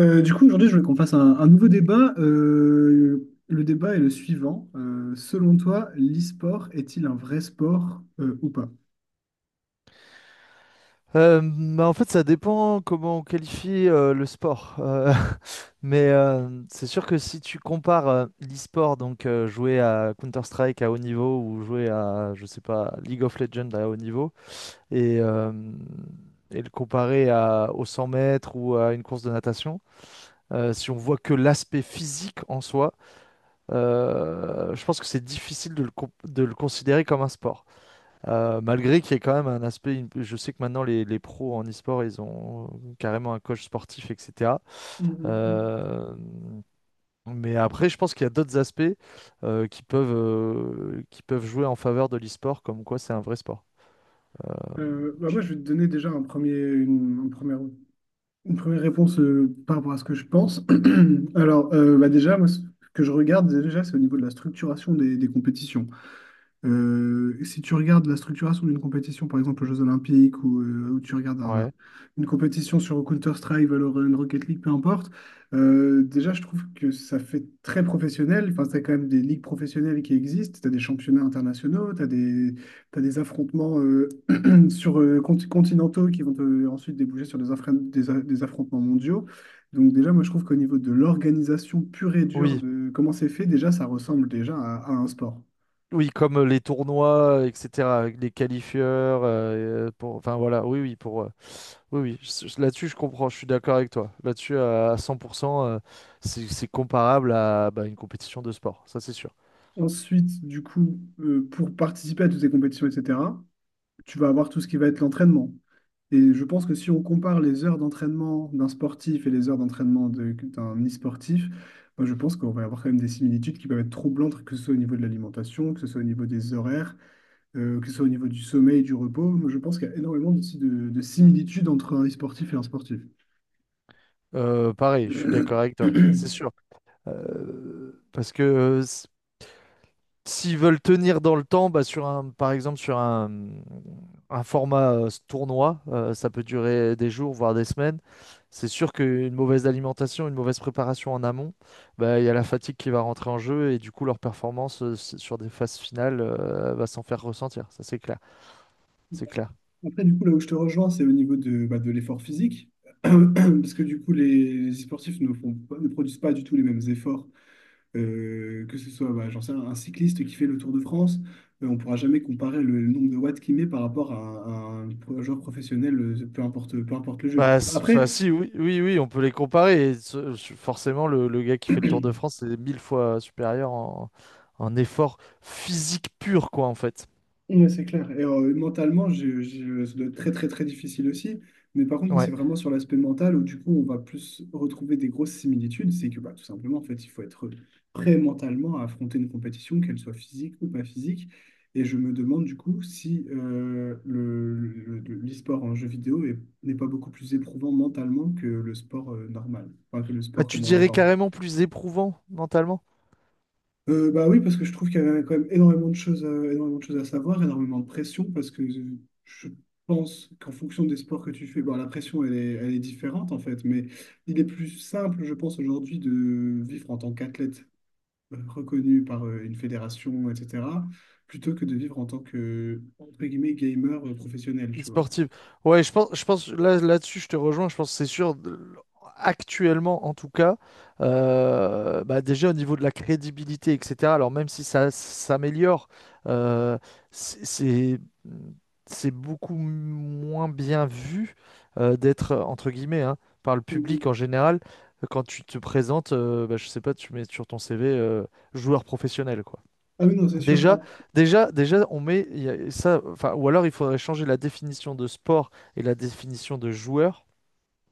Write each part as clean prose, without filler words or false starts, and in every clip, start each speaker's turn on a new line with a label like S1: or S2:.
S1: Aujourd'hui, je voulais qu'on fasse un nouveau débat. Le débat est le suivant. Selon toi, l'e-sport est-il un vrai sport ou pas?
S2: Bah, en fait, ça dépend comment on qualifie le sport. Mais c'est sûr que si tu compares l'e-sport, donc jouer à Counter-Strike à haut niveau ou jouer à, je sais pas, League of Legends à haut niveau, et, euh, et le comparer aux 100 mètres ou à une course de natation, si on voit que l'aspect physique en soi, je pense que c'est difficile de le considérer comme un sport. Malgré qu'il y ait quand même un aspect, je sais que maintenant les pros en e-sport, ils ont carrément un coach sportif, etc.
S1: Mm, mm, mm.
S2: Euh, mais après, je pense qu'il y a d'autres aspects qui peuvent jouer en faveur de l'e-sport, comme quoi c'est un vrai sport.
S1: Moi, je vais te donner déjà une première réponse par rapport à ce que je pense. Déjà, moi, ce que je regarde déjà, c'est au niveau de la structuration des compétitions. Si tu regardes la structuration d'une compétition, par exemple aux Jeux Olympiques, ou tu regardes
S2: Ouais.
S1: une compétition sur Counter-Strike, Valorant, Rocket League, peu importe, déjà je trouve que ça fait très professionnel. Enfin, c'est quand même des ligues professionnelles qui existent. Tu as des championnats internationaux, t'as des affrontements sur continentaux qui vont ensuite déboucher sur des, affren- des a- des affrontements mondiaux. Donc déjà, moi je trouve qu'au niveau de l'organisation pure et dure
S2: Oui,
S1: de comment c'est fait, déjà ça ressemble déjà à un sport.
S2: oui, comme les tournois, etc., avec les qualifieurs, pour, enfin voilà, oui, oui, pour, oui, oui, là-dessus je comprends, je suis d'accord avec toi. Là-dessus, à 100%, c'est comparable à bah, une compétition de sport, ça c'est sûr.
S1: Ensuite, pour participer à toutes ces compétitions, etc., tu vas avoir tout ce qui va être l'entraînement. Et je pense que si on compare les heures d'entraînement d'un sportif et les heures d'entraînement d'un e-sportif, moi, je pense qu'on va avoir quand même des similitudes qui peuvent être troublantes, que ce soit au niveau de l'alimentation, que ce soit au niveau des horaires, que ce soit au niveau du sommeil, du repos. Moi, je pense qu'il y a énormément de similitudes entre un e-sportif et un sportif.
S2: Pareil, je suis d'accord avec toi, c'est sûr. Euh, Parce que s'ils veulent tenir dans le temps, bah, sur un, par exemple sur un format tournoi, ça peut durer des jours, voire des semaines. C'est sûr qu'une mauvaise alimentation, une mauvaise préparation en amont, bah, il y a la fatigue qui va rentrer en jeu et du coup leur performance sur des phases finales va s'en faire ressentir. Ça, c'est clair. C'est clair.
S1: Après, du coup, là où je te rejoins, c'est au niveau de, bah, de l'effort physique. Parce que du coup, les sportifs ne produisent pas du tout les mêmes efforts. Que ce soit, bah, j'en sais rien, un cycliste qui fait le Tour de France, on ne pourra jamais comparer le nombre de watts qu'il met par rapport à, un joueur professionnel, peu importe le jeu.
S2: Bah,
S1: Après,
S2: enfin, si, oui, oui, oui, on peut les comparer. Et forcément, le gars qui fait le Tour de France, c'est mille fois supérieur en effort physique pur, quoi, en fait.
S1: ouais, c'est clair. Et mentalement, ça doit être très, très, très difficile aussi. Mais par contre, c'est
S2: Ouais.
S1: vraiment sur l'aspect mental où, du coup, on va plus retrouver des grosses similitudes. C'est que, bah, tout simplement, en fait, il faut être prêt mentalement à affronter une compétition, qu'elle soit physique ou pas physique. Et je me demande, du coup, si l'e-sport en jeu vidéo n'est pas beaucoup plus éprouvant mentalement que le sport normal, enfin, que le
S2: Bah,
S1: sport
S2: tu
S1: comme on
S2: dirais
S1: l'entend.
S2: carrément plus éprouvant mentalement,
S1: Bah oui, parce que je trouve qu'il y avait quand même énormément de choses à, énormément de choses à savoir, énormément de pression, parce que je pense qu'en fonction des sports que tu fais, bon, la pression, elle est différente en fait, mais il est plus simple, je pense, aujourd'hui de vivre en tant qu'athlète reconnu par une fédération, etc., plutôt que de vivre en tant que, entre guillemets, gamer professionnel, tu vois.
S2: e-sportive. Ouais, je pense là-dessus, je te rejoins. Je pense que c'est sûr. Actuellement en tout cas, bah, déjà au niveau de la crédibilité, etc. Alors même si ça s'améliore, euh, c'est c'est- c'est beaucoup moins bien vu d'être, entre guillemets, hein, par le public
S1: Mhm.
S2: en général, quand tu te présentes, bah, je sais pas, tu mets sur ton CV joueur professionnel, quoi.
S1: Ah oui, non, c'est sûr.
S2: Déjà,
S1: Ah,
S2: déjà, on met ça, enfin, ou alors il faudrait changer la définition de sport et la définition de joueur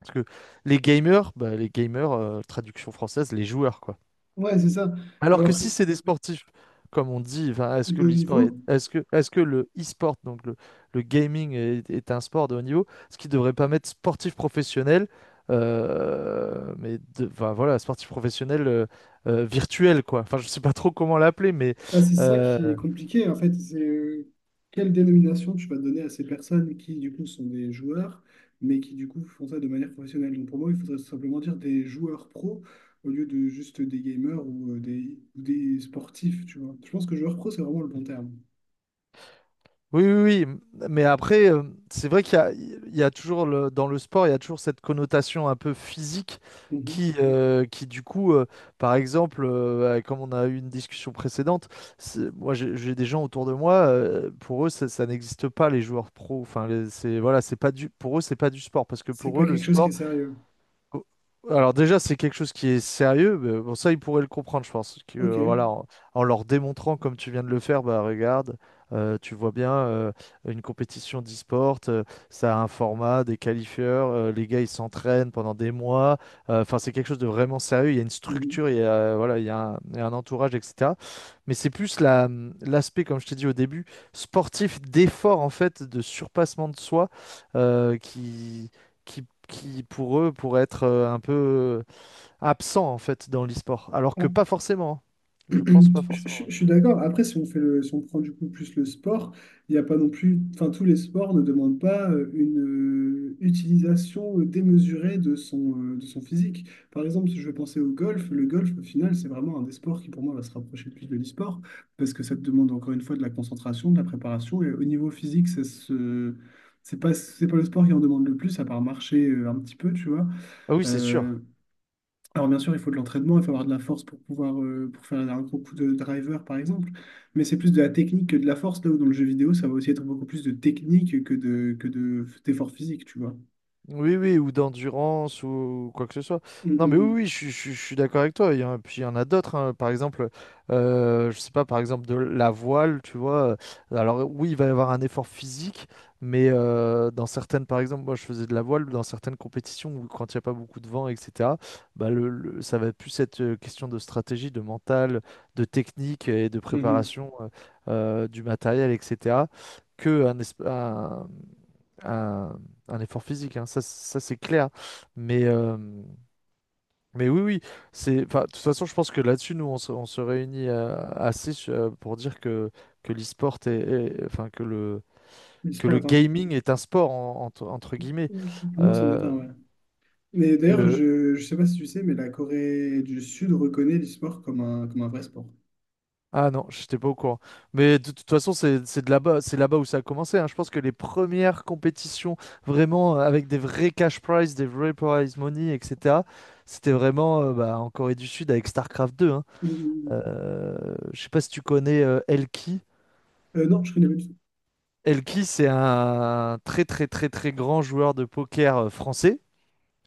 S2: parce que les gamers, bah, les gamers, traduction française, les joueurs, quoi.
S1: ouais, c'est ça.
S2: Alors que
S1: Alors,
S2: si c'est des sportifs, comme on dit, enfin, est-ce que
S1: de haut
S2: l'e-sport
S1: niveau.
S2: est-ce que le e-sport, donc le gaming, est un sport de haut niveau? Ce qui devrait pas mettre sportif professionnel, mais enfin, voilà, sportif professionnel virtuel, quoi. Enfin, je sais pas trop comment l'appeler, mais
S1: Ah, c'est ça qui est
S2: euh,
S1: compliqué, en fait, c'est quelle dénomination tu vas donner à ces personnes qui, du coup, sont des joueurs, mais qui, du coup, font ça de manière professionnelle. Donc, pour moi, il faudrait simplement dire des joueurs pro au lieu de juste des gamers ou ou des sportifs, tu vois. Je pense que joueur pro, c'est vraiment le bon terme.
S2: oui, oui, oui. Mais après, c'est vrai qu'il y a toujours dans le sport, il y a toujours cette connotation un peu physique
S1: Mhm.
S2: qui du coup, par exemple, comme on a eu une discussion précédente, moi j'ai des gens autour de moi, pour eux ça, ça n'existe pas les joueurs pros. Enfin, c'est voilà, c'est pas du, pour eux c'est pas du sport parce que
S1: C'est
S2: pour
S1: pas
S2: eux le
S1: quelque chose qui est
S2: sport.
S1: sérieux.
S2: Oh, alors déjà, c'est quelque chose qui est sérieux. Mais bon, ça, ils pourraient le comprendre, je pense. Que,
S1: Ok.
S2: voilà, en leur démontrant, comme tu viens de le faire, bah regarde, tu vois bien, une compétition d'e-sport, ça a un format, des qualifieurs, les gars, ils s'entraînent pendant des mois. Enfin, c'est quelque chose de vraiment sérieux. Il y a une
S1: Mhm.
S2: structure, il y a, voilà, il y a un entourage, etc. Mais c'est plus l'aspect, comme je t'ai dit au début, sportif, d'effort, en fait, de surpassement de soi, euh, qui qui, pour eux, pourraient être un peu absents, en fait, dans l'e-sport. Alors que pas forcément, hein. Je pense pas forcément, ouais.
S1: Je suis d'accord. Après, si on prend du coup plus le sport, il n'y a pas non plus. Enfin, tous les sports ne demandent pas une utilisation démesurée de son physique. Par exemple, si je veux penser au golf, le golf, au final, c'est vraiment un des sports qui, pour moi, va se rapprocher le plus de l'e-sport parce que ça te demande encore une fois de la concentration, de la préparation. Et au niveau physique, ça se. C'est pas le sport qui en demande le plus, à part marcher un petit peu, tu vois.
S2: Ah oui, c'est sûr.
S1: Euh, alors bien sûr, il faut de l'entraînement, il faut avoir de la force pour pouvoir pour faire un gros coup de driver par exemple, mais c'est plus de la technique que de la force là où dans le jeu vidéo, ça va aussi être beaucoup plus de technique que de d'effort physique, tu vois.
S2: Oui, oui, ou d'endurance, ou quoi que ce soit.
S1: Mm,
S2: Non, mais oui,
S1: mm,
S2: oui, je suis d'accord avec toi. Puis il y en a d'autres, hein. Par exemple, je sais pas, par exemple, de la voile, tu vois. Alors, oui, il va y avoir un effort physique, mais dans certaines, par exemple, moi, je faisais de la voile, dans certaines compétitions où, quand il n'y a pas beaucoup de vent, etc., bah, ça va plus être question de stratégie, de mental, de technique et de
S1: mm. Mhm.
S2: préparation du matériel, etc., que un, esp- un- un effort physique, hein, ça c'est clair. Mais, euh, mais oui, oui, enfin, de toute façon, je pense que là-dessus, nous, on se réunit assez pour dire que l'e-sport enfin, que le,
S1: Le
S2: que
S1: sport
S2: le
S1: est un-
S2: gaming est un sport, entre guillemets.
S1: Pour moi, c'en est
S2: Euh,
S1: un, ouais. Mais d'ailleurs,
S2: le...
S1: je sais pas si tu sais, mais la Corée du Sud reconnaît l'e-sport comme un vrai sport.
S2: Ah non, je n'étais pas au courant. Mais de, toute façon, c'est de là-bas, c'est là-bas où ça a commencé, hein. Je pense que les premières compétitions, vraiment, avec des vrais cash prizes, des vrais prize money, etc., c'était vraiment bah, en Corée du Sud avec StarCraft deux, hein.
S1: Mm, mm, mm.
S2: Je sais pas si tu connais Elki.
S1: Non, je connais pas du tout.
S2: Elki, c'est un très très très très grand joueur de poker français.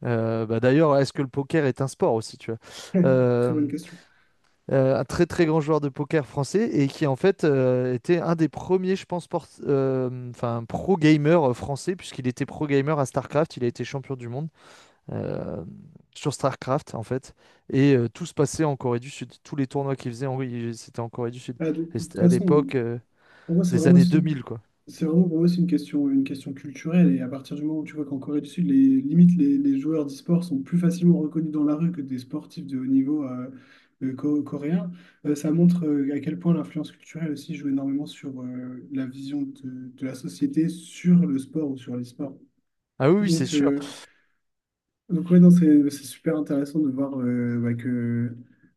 S2: Bah, d'ailleurs, est-ce que le poker est un sport aussi, tu vois?
S1: Très bonne
S2: Euh,
S1: question.
S2: un très très grand joueur de poker français et qui en fait était un des premiers, je pense, enfin pro gamer français puisqu'il était pro gamer à StarCraft, il a été champion du monde euh, sur StarCraft en fait et tout se passait en Corée du Sud, tous les tournois qu'il faisait, en... oui, c'était en Corée du Sud.
S1: Ah, de
S2: Et
S1: toute
S2: c'était à
S1: façon,
S2: l'époque.
S1: pour moi,
S2: Des années 2000, quoi.
S1: c'est vraiment pour moi, c'est une question culturelle. Et à partir du moment où tu vois qu'en Corée du Sud, les limites, les joueurs d'e-sport sont plus facilement reconnus dans la rue que des sportifs de haut niveau coréens, ça montre à quel point l'influence culturelle aussi joue énormément sur la vision de la société sur le sport ou sur l'e-sport.
S2: Ah oui, oui, c'est
S1: Donc,
S2: sûr.
S1: euh, donc, ouais, non, c'est super intéressant de voir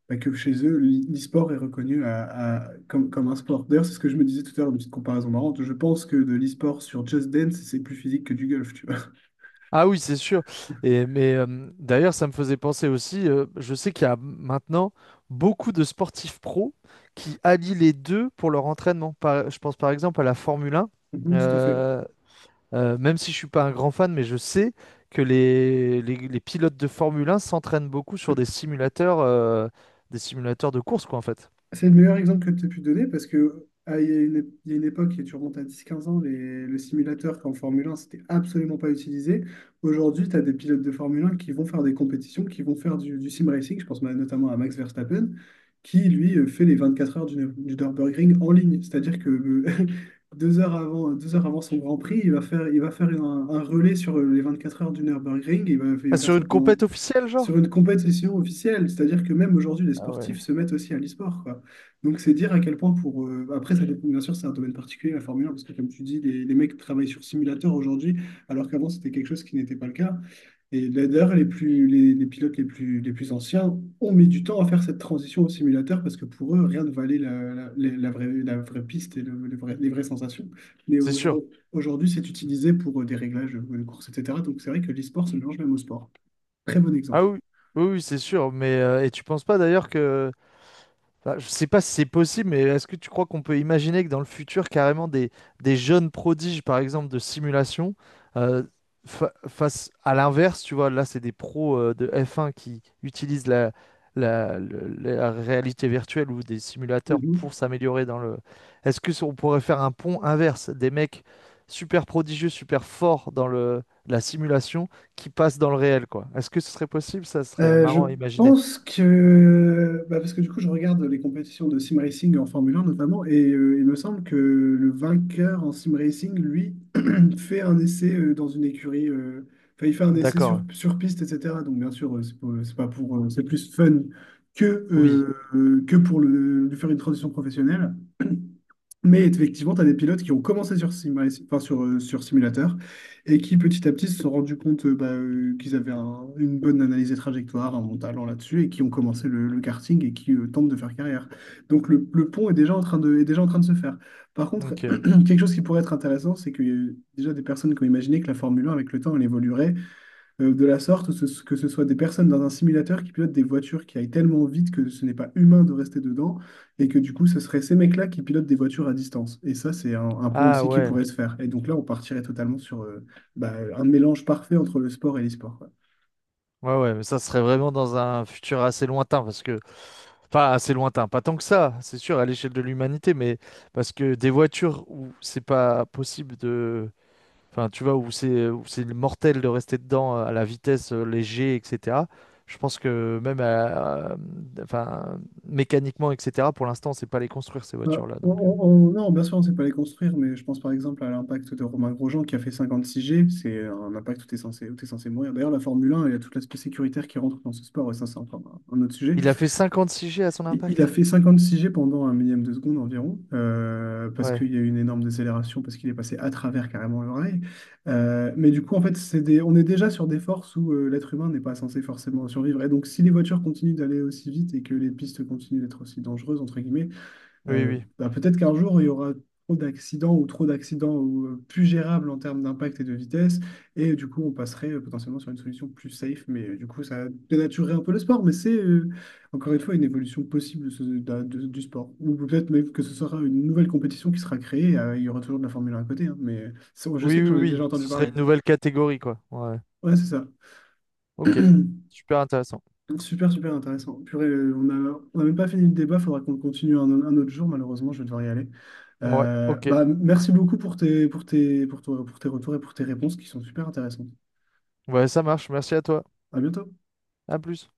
S1: bah, que chez eux, l'e-sport est reconnu comme, comme un sport. D'ailleurs, c'est ce que je me disais tout à l'heure, une petite comparaison marrante. Je pense que de l'e-sport sur Just Dance, c'est plus physique que du golf, tu vois.
S2: Ah oui, c'est sûr. Et mais d'ailleurs, ça me faisait penser aussi. Je sais qu'il y a maintenant beaucoup de sportifs pros qui allient les deux pour leur entraînement. Je pense par exemple à la Formule 1.
S1: Mhm, tout à fait.
S2: Euh, Même si je suis pas un grand fan, mais je sais que les pilotes de Formule 1 s'entraînent beaucoup sur des simulateurs de course, quoi, en fait.
S1: C'est le meilleur exemple que tu as pu donner parce que ah, il y a une époque, et tu remontes à 10-15 ans, le simulateur qu'en Formule 1, c'était absolument pas utilisé. Aujourd'hui, tu as des pilotes de Formule 1 qui vont faire des compétitions, qui vont faire du sim racing. Je pense notamment à Max Verstappen, qui lui fait les 24 heures du Nürburgring en ligne. C'est-à-dire que deux heures avant son Grand Prix, il va faire un relais sur les 24 heures du Nürburgring. Il
S2: Ah,
S1: va faire
S2: sur
S1: ça
S2: une
S1: pendant
S2: compète officielle, genre?
S1: sur une compétition officielle. C'est-à-dire que même aujourd'hui, les
S2: Ah ouais,
S1: sportifs se mettent aussi à l'e-sport, quoi. Donc, c'est dire à quel point pour... Après, ça dépend, bien sûr, c'est un domaine particulier, la Formule 1, parce que comme tu dis, les mecs travaillent sur simulateur aujourd'hui, alors qu'avant, c'était quelque chose qui n'était pas le cas. Et là, d'ailleurs, les pilotes les plus anciens ont mis du temps à faire cette transition au simulateur, parce que pour eux, rien ne valait la vraie piste et les vraies sensations. Mais
S2: c'est sûr.
S1: aujourd'hui, c'est utilisé pour des réglages de course, etc. Donc, c'est vrai que l'e-sport se mélange même au sport. Très bon
S2: Ah
S1: exemple.
S2: oui, oui, oui, c'est sûr. Mais et tu penses pas d'ailleurs que, enfin, je sais pas si c'est possible, mais est-ce que tu crois qu'on peut imaginer que dans le futur, carrément, des jeunes prodiges, par exemple, de simulation, euh, face à l'inverse, tu vois, là, c'est des pros de F1 qui utilisent la réalité virtuelle ou des simulateurs pour s'améliorer dans le... Est-ce que si on pourrait faire un pont inverse, des mecs super prodigieux, super forts dans la simulation qui passent dans le réel, quoi? Est-ce que ce serait possible? Ça serait
S1: Je
S2: marrant à imaginer.
S1: pense que, bah, parce que du coup, je regarde les compétitions de sim racing en Formule 1 notamment, et il me semble que le vainqueur en sim racing, lui, fait un essai dans une écurie, enfin, il fait un essai
S2: D'accord.
S1: sur piste, etc. Donc, bien sûr, c'est pas pour, c'est plus fun que,
S2: Oui,
S1: que pour lui faire une transition professionnelle. Mais effectivement, tu as des pilotes qui ont commencé sur, Sim enfin, sur simulateur et qui petit à petit se sont rendus compte qu'ils avaient une bonne analyse des trajectoires, un bon talent là-dessus et qui ont commencé le karting et qui tentent de faire carrière. Donc le pont est déjà en train est déjà en train de se faire. Par contre,
S2: ok.
S1: quelque chose qui pourrait être intéressant, c'est qu'il y a eu déjà des personnes qui ont imaginé que la Formule 1 avec le temps, elle évoluerait de la sorte, que ce soit des personnes dans un simulateur qui pilotent des voitures qui aillent tellement vite que ce n'est pas humain de rester dedans, et que du coup, ce serait ces mecs-là qui pilotent des voitures à distance. Et ça, c'est un pont
S2: Ah
S1: aussi qui
S2: ouais,
S1: pourrait se faire. Et donc là, on partirait totalement sur bah, un mélange parfait entre le sport et l'e-sport. Quoi.
S2: ouais, ouais, mais ça serait vraiment dans un futur assez lointain, parce que, enfin, assez lointain, pas tant que ça, c'est sûr, à l'échelle de l'humanité, mais parce que des voitures où c'est pas possible de, enfin, tu vois, où c'est mortel de rester dedans à la vitesse les G, etc. Je pense que même, enfin, mécaniquement, etc. Pour l'instant, on sait pas les construire ces
S1: Bah,
S2: voitures-là, donc.
S1: non, bien sûr, on ne sait pas les construire, mais je pense par exemple à l'impact de Romain Grosjean qui a fait 56 G. C'est un impact où tu es censé, où t'es censé mourir. D'ailleurs, la Formule 1, il y a tout l'aspect sécuritaire qui rentre dans ce sport, et ça, c'est encore un autre sujet.
S2: Il a fait 56 G à son
S1: Il a
S2: impact.
S1: fait 56 G pendant un millième de seconde environ, parce
S2: Ouais,
S1: qu'il y a eu une énorme décélération, parce qu'il est passé à travers carrément l'oreille. Mais du coup, en fait, on est déjà sur des forces où l'être humain n'est pas censé forcément survivre. Et donc, si les voitures continuent d'aller aussi vite et que les pistes continuent d'être aussi dangereuses, entre guillemets,
S2: oui, oui,
S1: bah, peut-être qu'un jour, il y aura trop d'accidents ou, plus gérables en termes d'impact et de vitesse. Et du coup, on passerait potentiellement sur une solution plus safe. Mais du coup, ça dénaturerait un peu le sport. Mais encore une fois, une évolution possible de du sport. Ou peut-être même que ce sera une nouvelle compétition qui sera créée. Il y aura toujours de la Formule 1 à côté. Hein, mais je sais
S2: oui,
S1: que j'en
S2: oui,
S1: ai
S2: oui.
S1: déjà entendu
S2: Ce serait
S1: parler.
S2: une nouvelle catégorie, quoi. Ouais.
S1: Ouais, c'est ça.
S2: Ok, super intéressant.
S1: Super, super intéressant. Purée, on a même pas fini le débat, faudra qu'on le continue un autre jour, malheureusement, je vais devoir y aller.
S2: Ouais, ok.
S1: Merci beaucoup pour tes retours et pour tes réponses qui sont super intéressantes.
S2: Ouais, ça marche. Merci à toi.
S1: À bientôt.
S2: À plus.